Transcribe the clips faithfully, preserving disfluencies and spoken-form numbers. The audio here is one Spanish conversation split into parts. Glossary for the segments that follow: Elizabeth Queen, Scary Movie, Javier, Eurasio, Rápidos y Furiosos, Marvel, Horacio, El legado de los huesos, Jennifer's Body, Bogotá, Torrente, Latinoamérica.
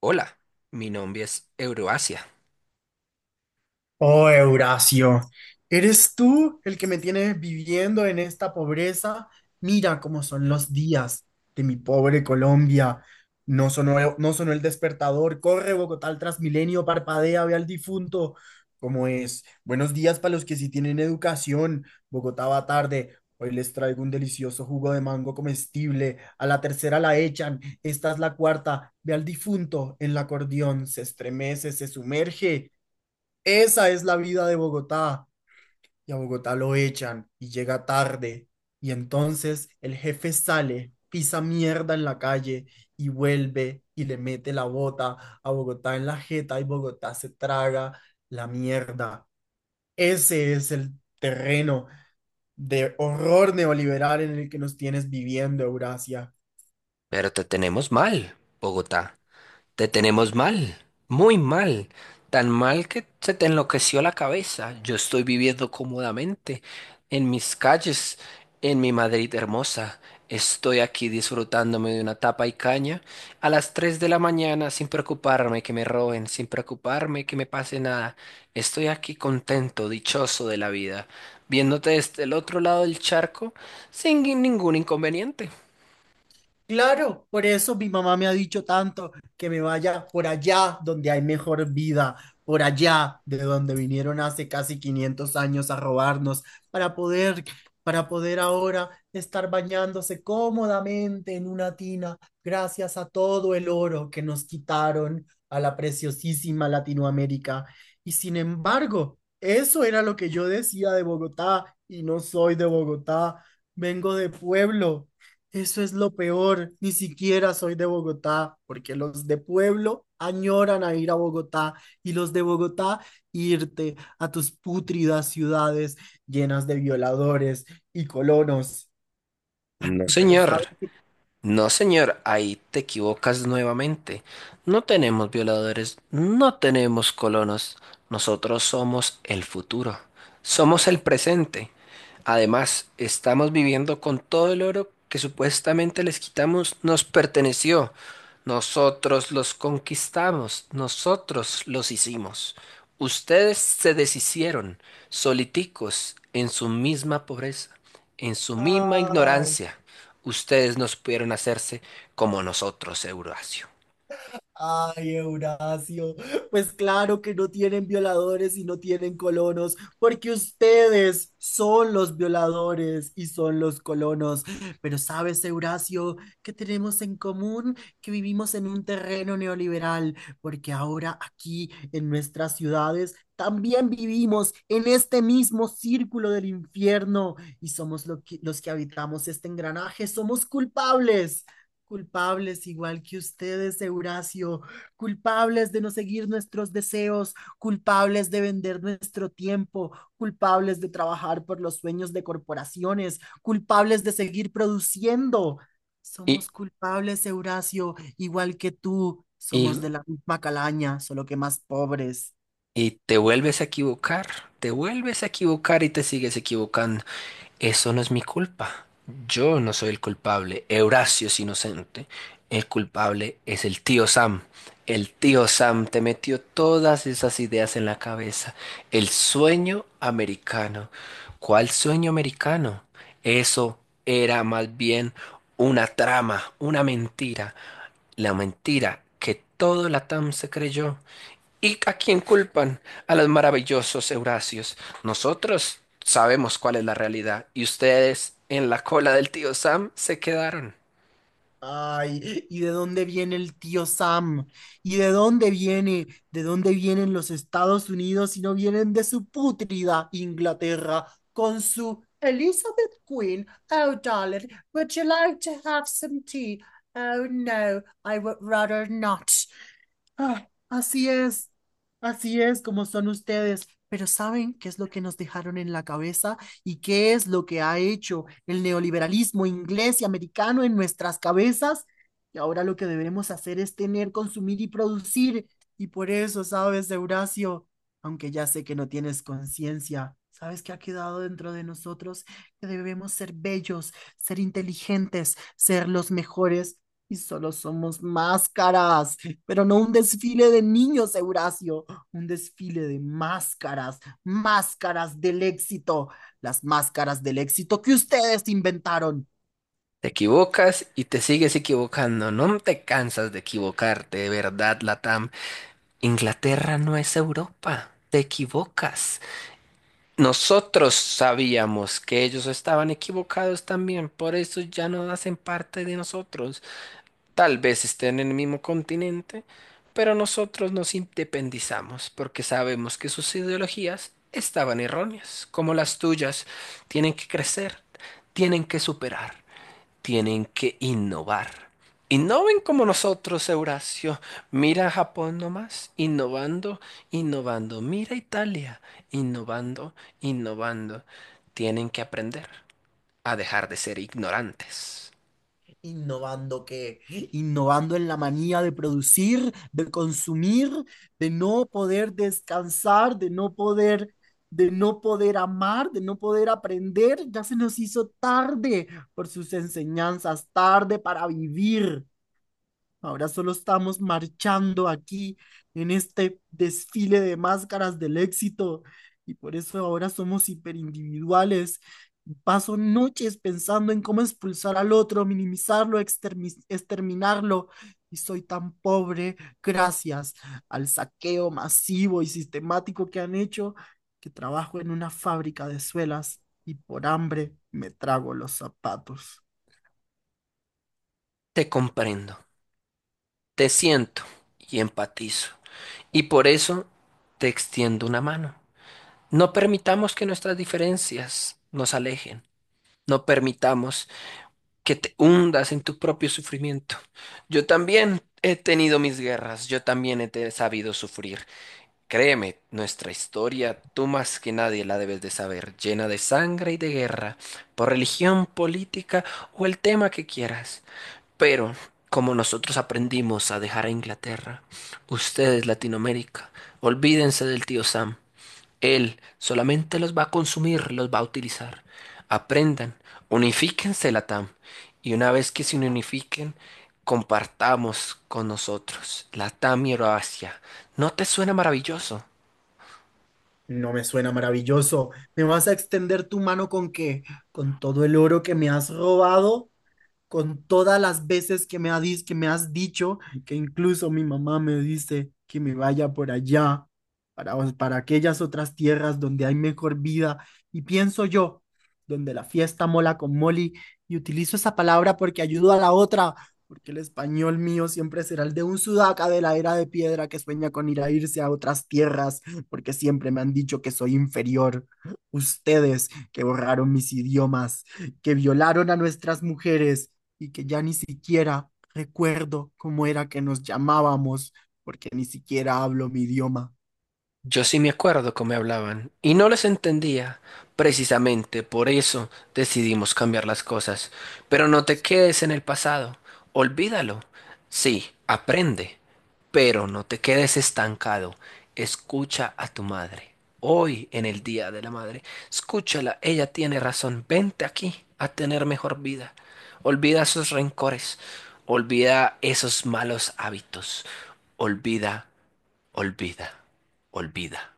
Hola, mi nombre es Euroasia, Oh, Eurasio, ¿eres tú el que me tienes viviendo en esta pobreza? Mira cómo son los días de mi pobre Colombia. No sonó, no sonó el despertador. Corre, Bogotá, al Transmilenio, parpadea, ve al difunto. ¿Cómo es? Buenos días para los que sí tienen educación. Bogotá va tarde. Hoy les traigo un delicioso jugo de mango comestible. A la tercera la echan. Esta es la cuarta. Ve al difunto en el acordeón. Se estremece, se sumerge. Esa es la vida de Bogotá. Y a Bogotá lo echan y llega tarde. Y entonces el jefe sale, pisa mierda en la calle y vuelve y le mete la bota a Bogotá en la jeta y Bogotá se traga la mierda. Ese es el terreno de horror neoliberal en el que nos tienes viviendo, Eurasia. pero te tenemos mal, Bogotá. Te tenemos mal, muy mal, tan mal que se te enloqueció la cabeza. Yo estoy viviendo cómodamente en mis calles, en mi Madrid hermosa. Estoy aquí disfrutándome de una tapa y caña a las tres de la mañana sin preocuparme que me roben, sin preocuparme que me pase nada. Estoy aquí contento, dichoso de la vida, viéndote desde el otro lado del charco sin ningún inconveniente. Claro, por eso mi mamá me ha dicho tanto que me vaya por allá donde hay mejor vida, por allá de donde vinieron hace casi quinientos años a robarnos para poder, para poder ahora estar bañándose cómodamente en una tina gracias a todo el oro que nos quitaron a la preciosísima Latinoamérica. Y sin embargo, eso era lo que yo decía de Bogotá y no soy de Bogotá, vengo de pueblo. Eso es lo peor, ni siquiera soy de Bogotá, porque los de pueblo añoran a ir a Bogotá y los de Bogotá irte a tus pútridas ciudades llenas de violadores y colonos. No, Pero señor. sabes, No, señor, ahí te equivocas nuevamente. No tenemos violadores, no tenemos colonos. Nosotros somos el futuro, somos el presente. Además, estamos viviendo con todo el oro que supuestamente les quitamos, nos perteneció. Nosotros los conquistamos, nosotros los hicimos. Ustedes se deshicieron, soliticos, en su misma pobreza, en su misma ignorancia, ustedes no pudieron hacerse como nosotros, Eurasio. Ay, Eurasio, pues claro que no tienen violadores y no tienen colonos, porque ustedes son los violadores y son los colonos. Pero sabes, Eurasio, ¿qué tenemos en común? Que vivimos en un terreno neoliberal, porque ahora aquí en nuestras ciudades también vivimos en este mismo círculo del infierno y somos lo que- los que habitamos este engranaje, somos culpables. Culpables igual que ustedes, Eurasio, culpables de no seguir nuestros deseos, culpables de vender nuestro tiempo, culpables de trabajar por los sueños de corporaciones, culpables de seguir produciendo. Y, Somos culpables, Eurasio, igual que tú. Somos y, de la misma calaña, solo que más pobres. y te vuelves a equivocar, te vuelves a equivocar y te sigues equivocando. Eso no es mi culpa. Yo no soy el culpable. Eurasio es inocente. El culpable es el tío Sam. El tío Sam te metió todas esas ideas en la cabeza. El sueño americano. ¿Cuál sueño americano? Eso era más bien una trama, una mentira, la mentira que todo Latam se creyó. ¿Y a quién culpan? A los maravillosos Eurasios. Nosotros sabemos cuál es la realidad y ustedes en la cola del tío Sam se quedaron. Ay, ¿y de dónde viene el tío Sam? ¿Y de dónde viene? ¿De dónde vienen los Estados Unidos si no vienen de su pútrida Inglaterra con su Elizabeth Queen? Oh, darling, would you like to have some tea? Oh, no, I would rather not. Ah, así es, así es como son ustedes. Pero ¿saben qué es lo que nos dejaron en la cabeza y qué es lo que ha hecho el neoliberalismo inglés y americano en nuestras cabezas? Y ahora lo que debemos hacer es tener, consumir y producir. Y por eso, ¿sabes, Eurasio? Aunque ya sé que no tienes conciencia, ¿sabes qué ha quedado dentro de nosotros? Que debemos ser bellos, ser inteligentes, ser los mejores y solo somos máscaras pero no un desfile de niños, Eurasio, un desfile de máscaras, máscaras del éxito, las máscaras del éxito que ustedes inventaron. Te equivocas y te sigues equivocando. No te cansas de equivocarte, de verdad, Latam. Inglaterra no es Europa. Te equivocas. Nosotros sabíamos que ellos estaban equivocados también, por eso ya no hacen parte de nosotros. Tal vez estén en el mismo continente, pero nosotros nos independizamos porque sabemos que sus ideologías estaban erróneas, como las tuyas. Tienen que crecer, tienen que superar, tienen que innovar. Innoven como nosotros, Eurasio. Mira a Japón nomás, innovando, innovando. Mira a Italia, innovando, innovando. Tienen que aprender a dejar de ser ignorantes. ¿Innovando qué? Innovando en la manía de producir, de consumir, de no poder descansar, de no poder de no poder amar, de no poder aprender, ya se nos hizo tarde por sus enseñanzas, tarde para vivir. Ahora solo estamos marchando aquí en este desfile de máscaras del éxito y por eso ahora somos hiperindividuales. Paso noches pensando en cómo expulsar al otro, minimizarlo, extermi- exterminarlo. Y soy tan pobre gracias al saqueo masivo y sistemático que han hecho que trabajo en una fábrica de suelas y por hambre me trago los zapatos. Te comprendo. Te siento y empatizo, y por eso te extiendo una mano. No permitamos que nuestras diferencias nos alejen. No permitamos que te hundas en tu propio sufrimiento. Yo también he tenido mis guerras, yo también he te- sabido sufrir. Créeme, nuestra historia, tú más que nadie la debes de saber, llena de sangre y de guerra, por religión, política o el tema que quieras. Pero como nosotros aprendimos a dejar a Inglaterra, ustedes, Latinoamérica, olvídense del tío Sam. Él solamente los va a consumir, los va a utilizar. Aprendan, unifíquense, Latam. Y una vez que se unifiquen, compartamos con nosotros, Latam y Euroasia. ¿No te suena maravilloso? No me suena maravilloso. ¿Me vas a extender tu mano con qué? ¿Con todo el oro que me has robado? Con todas las veces que me, ha dis- que me has dicho, que incluso mi mamá me dice que me vaya por allá, para, para aquellas otras tierras donde hay mejor vida. Y pienso yo, donde la fiesta mola con Molly, y utilizo esa palabra porque ayudo a la otra, porque el español mío siempre será el de un sudaca de la era de piedra que sueña con ir a irse a otras tierras, porque siempre me han dicho que soy inferior. Ustedes que borraron mis idiomas, que violaron a nuestras mujeres, y que ya ni siquiera recuerdo cómo era que nos llamábamos, porque ni siquiera hablo mi idioma. Yo sí me acuerdo cómo me hablaban y no les entendía. Precisamente por eso decidimos cambiar las cosas. Pero no te quedes en el pasado. Olvídalo. Sí, aprende. Pero no te quedes estancado. Escucha a tu madre. Hoy, en el Día de la Madre, escúchala. Ella tiene razón. Vente aquí a tener mejor vida. Olvida esos rencores. Olvida esos malos hábitos. Olvida. Olvida, olvida.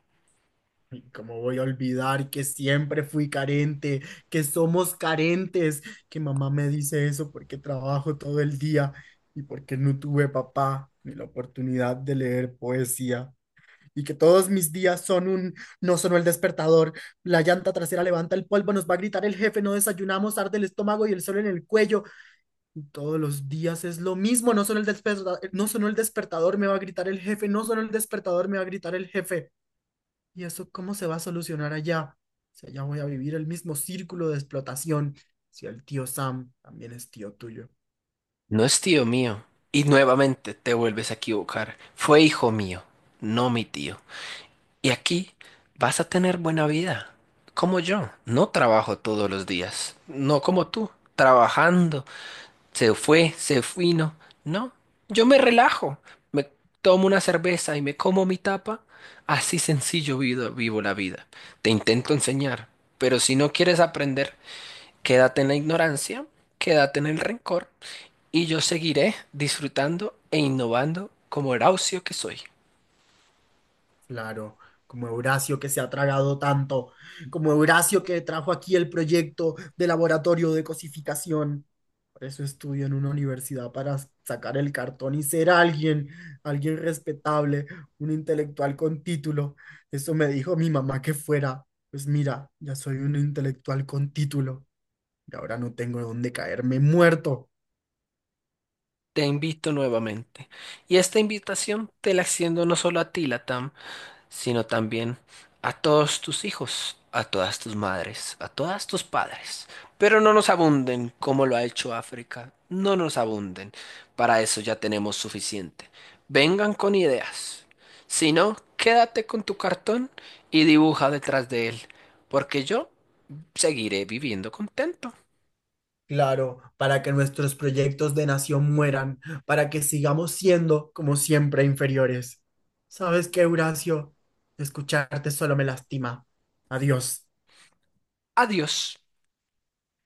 ¿Y cómo voy a olvidar que siempre fui carente, que somos carentes, que mamá me dice eso porque trabajo todo el día y porque no tuve papá ni la oportunidad de leer poesía? Y que todos mis días son un, no sonó el despertador, la llanta trasera levanta el polvo, nos va a gritar el jefe, no desayunamos, arde el estómago y el sol en el cuello. Todos los días es lo mismo, no solo el despertador, no sonó el despertador, me va a gritar el jefe, no solo el despertador, me va a gritar el jefe. ¿Y eso cómo se va a solucionar allá? Si allá voy a vivir el mismo círculo de explotación, si el tío Sam también es tío tuyo. No es tío mío. Y nuevamente te vuelves a equivocar. Fue hijo mío, no mi tío. Y aquí vas a tener buena vida. Como yo. No trabajo todos los días. No como tú. Trabajando. Se fue, se fino. No. Yo me relajo. Me tomo una cerveza y me como mi tapa. Así sencillo vivo, vivo la vida. Te intento enseñar. Pero si no quieres aprender, quédate en la ignorancia, quédate en el rencor, y yo seguiré disfrutando e innovando como Horacio que soy. Claro, como Eurasio que se ha tragado tanto, como Eurasio que trajo aquí el proyecto de laboratorio de cosificación. Por eso estudio en una universidad para sacar el cartón y ser alguien, alguien respetable, un intelectual con título. Eso me dijo mi mamá que fuera. Pues mira, ya soy un intelectual con título y ahora no tengo dónde caerme muerto. Te invito nuevamente. Y esta invitación te la extiendo no solo a ti, Latam, sino también a todos tus hijos, a todas tus madres, a todas tus padres. Pero no nos abunden como lo ha hecho África. No nos abunden. Para eso ya tenemos suficiente. Vengan con ideas. Si no, quédate con tu cartón y dibuja detrás de él, porque yo seguiré viviendo contento. Claro, para que nuestros proyectos de nación mueran, para que sigamos siendo, como siempre, inferiores. ¿Sabes qué, Horacio? Escucharte solo me lastima. Adiós. Adiós.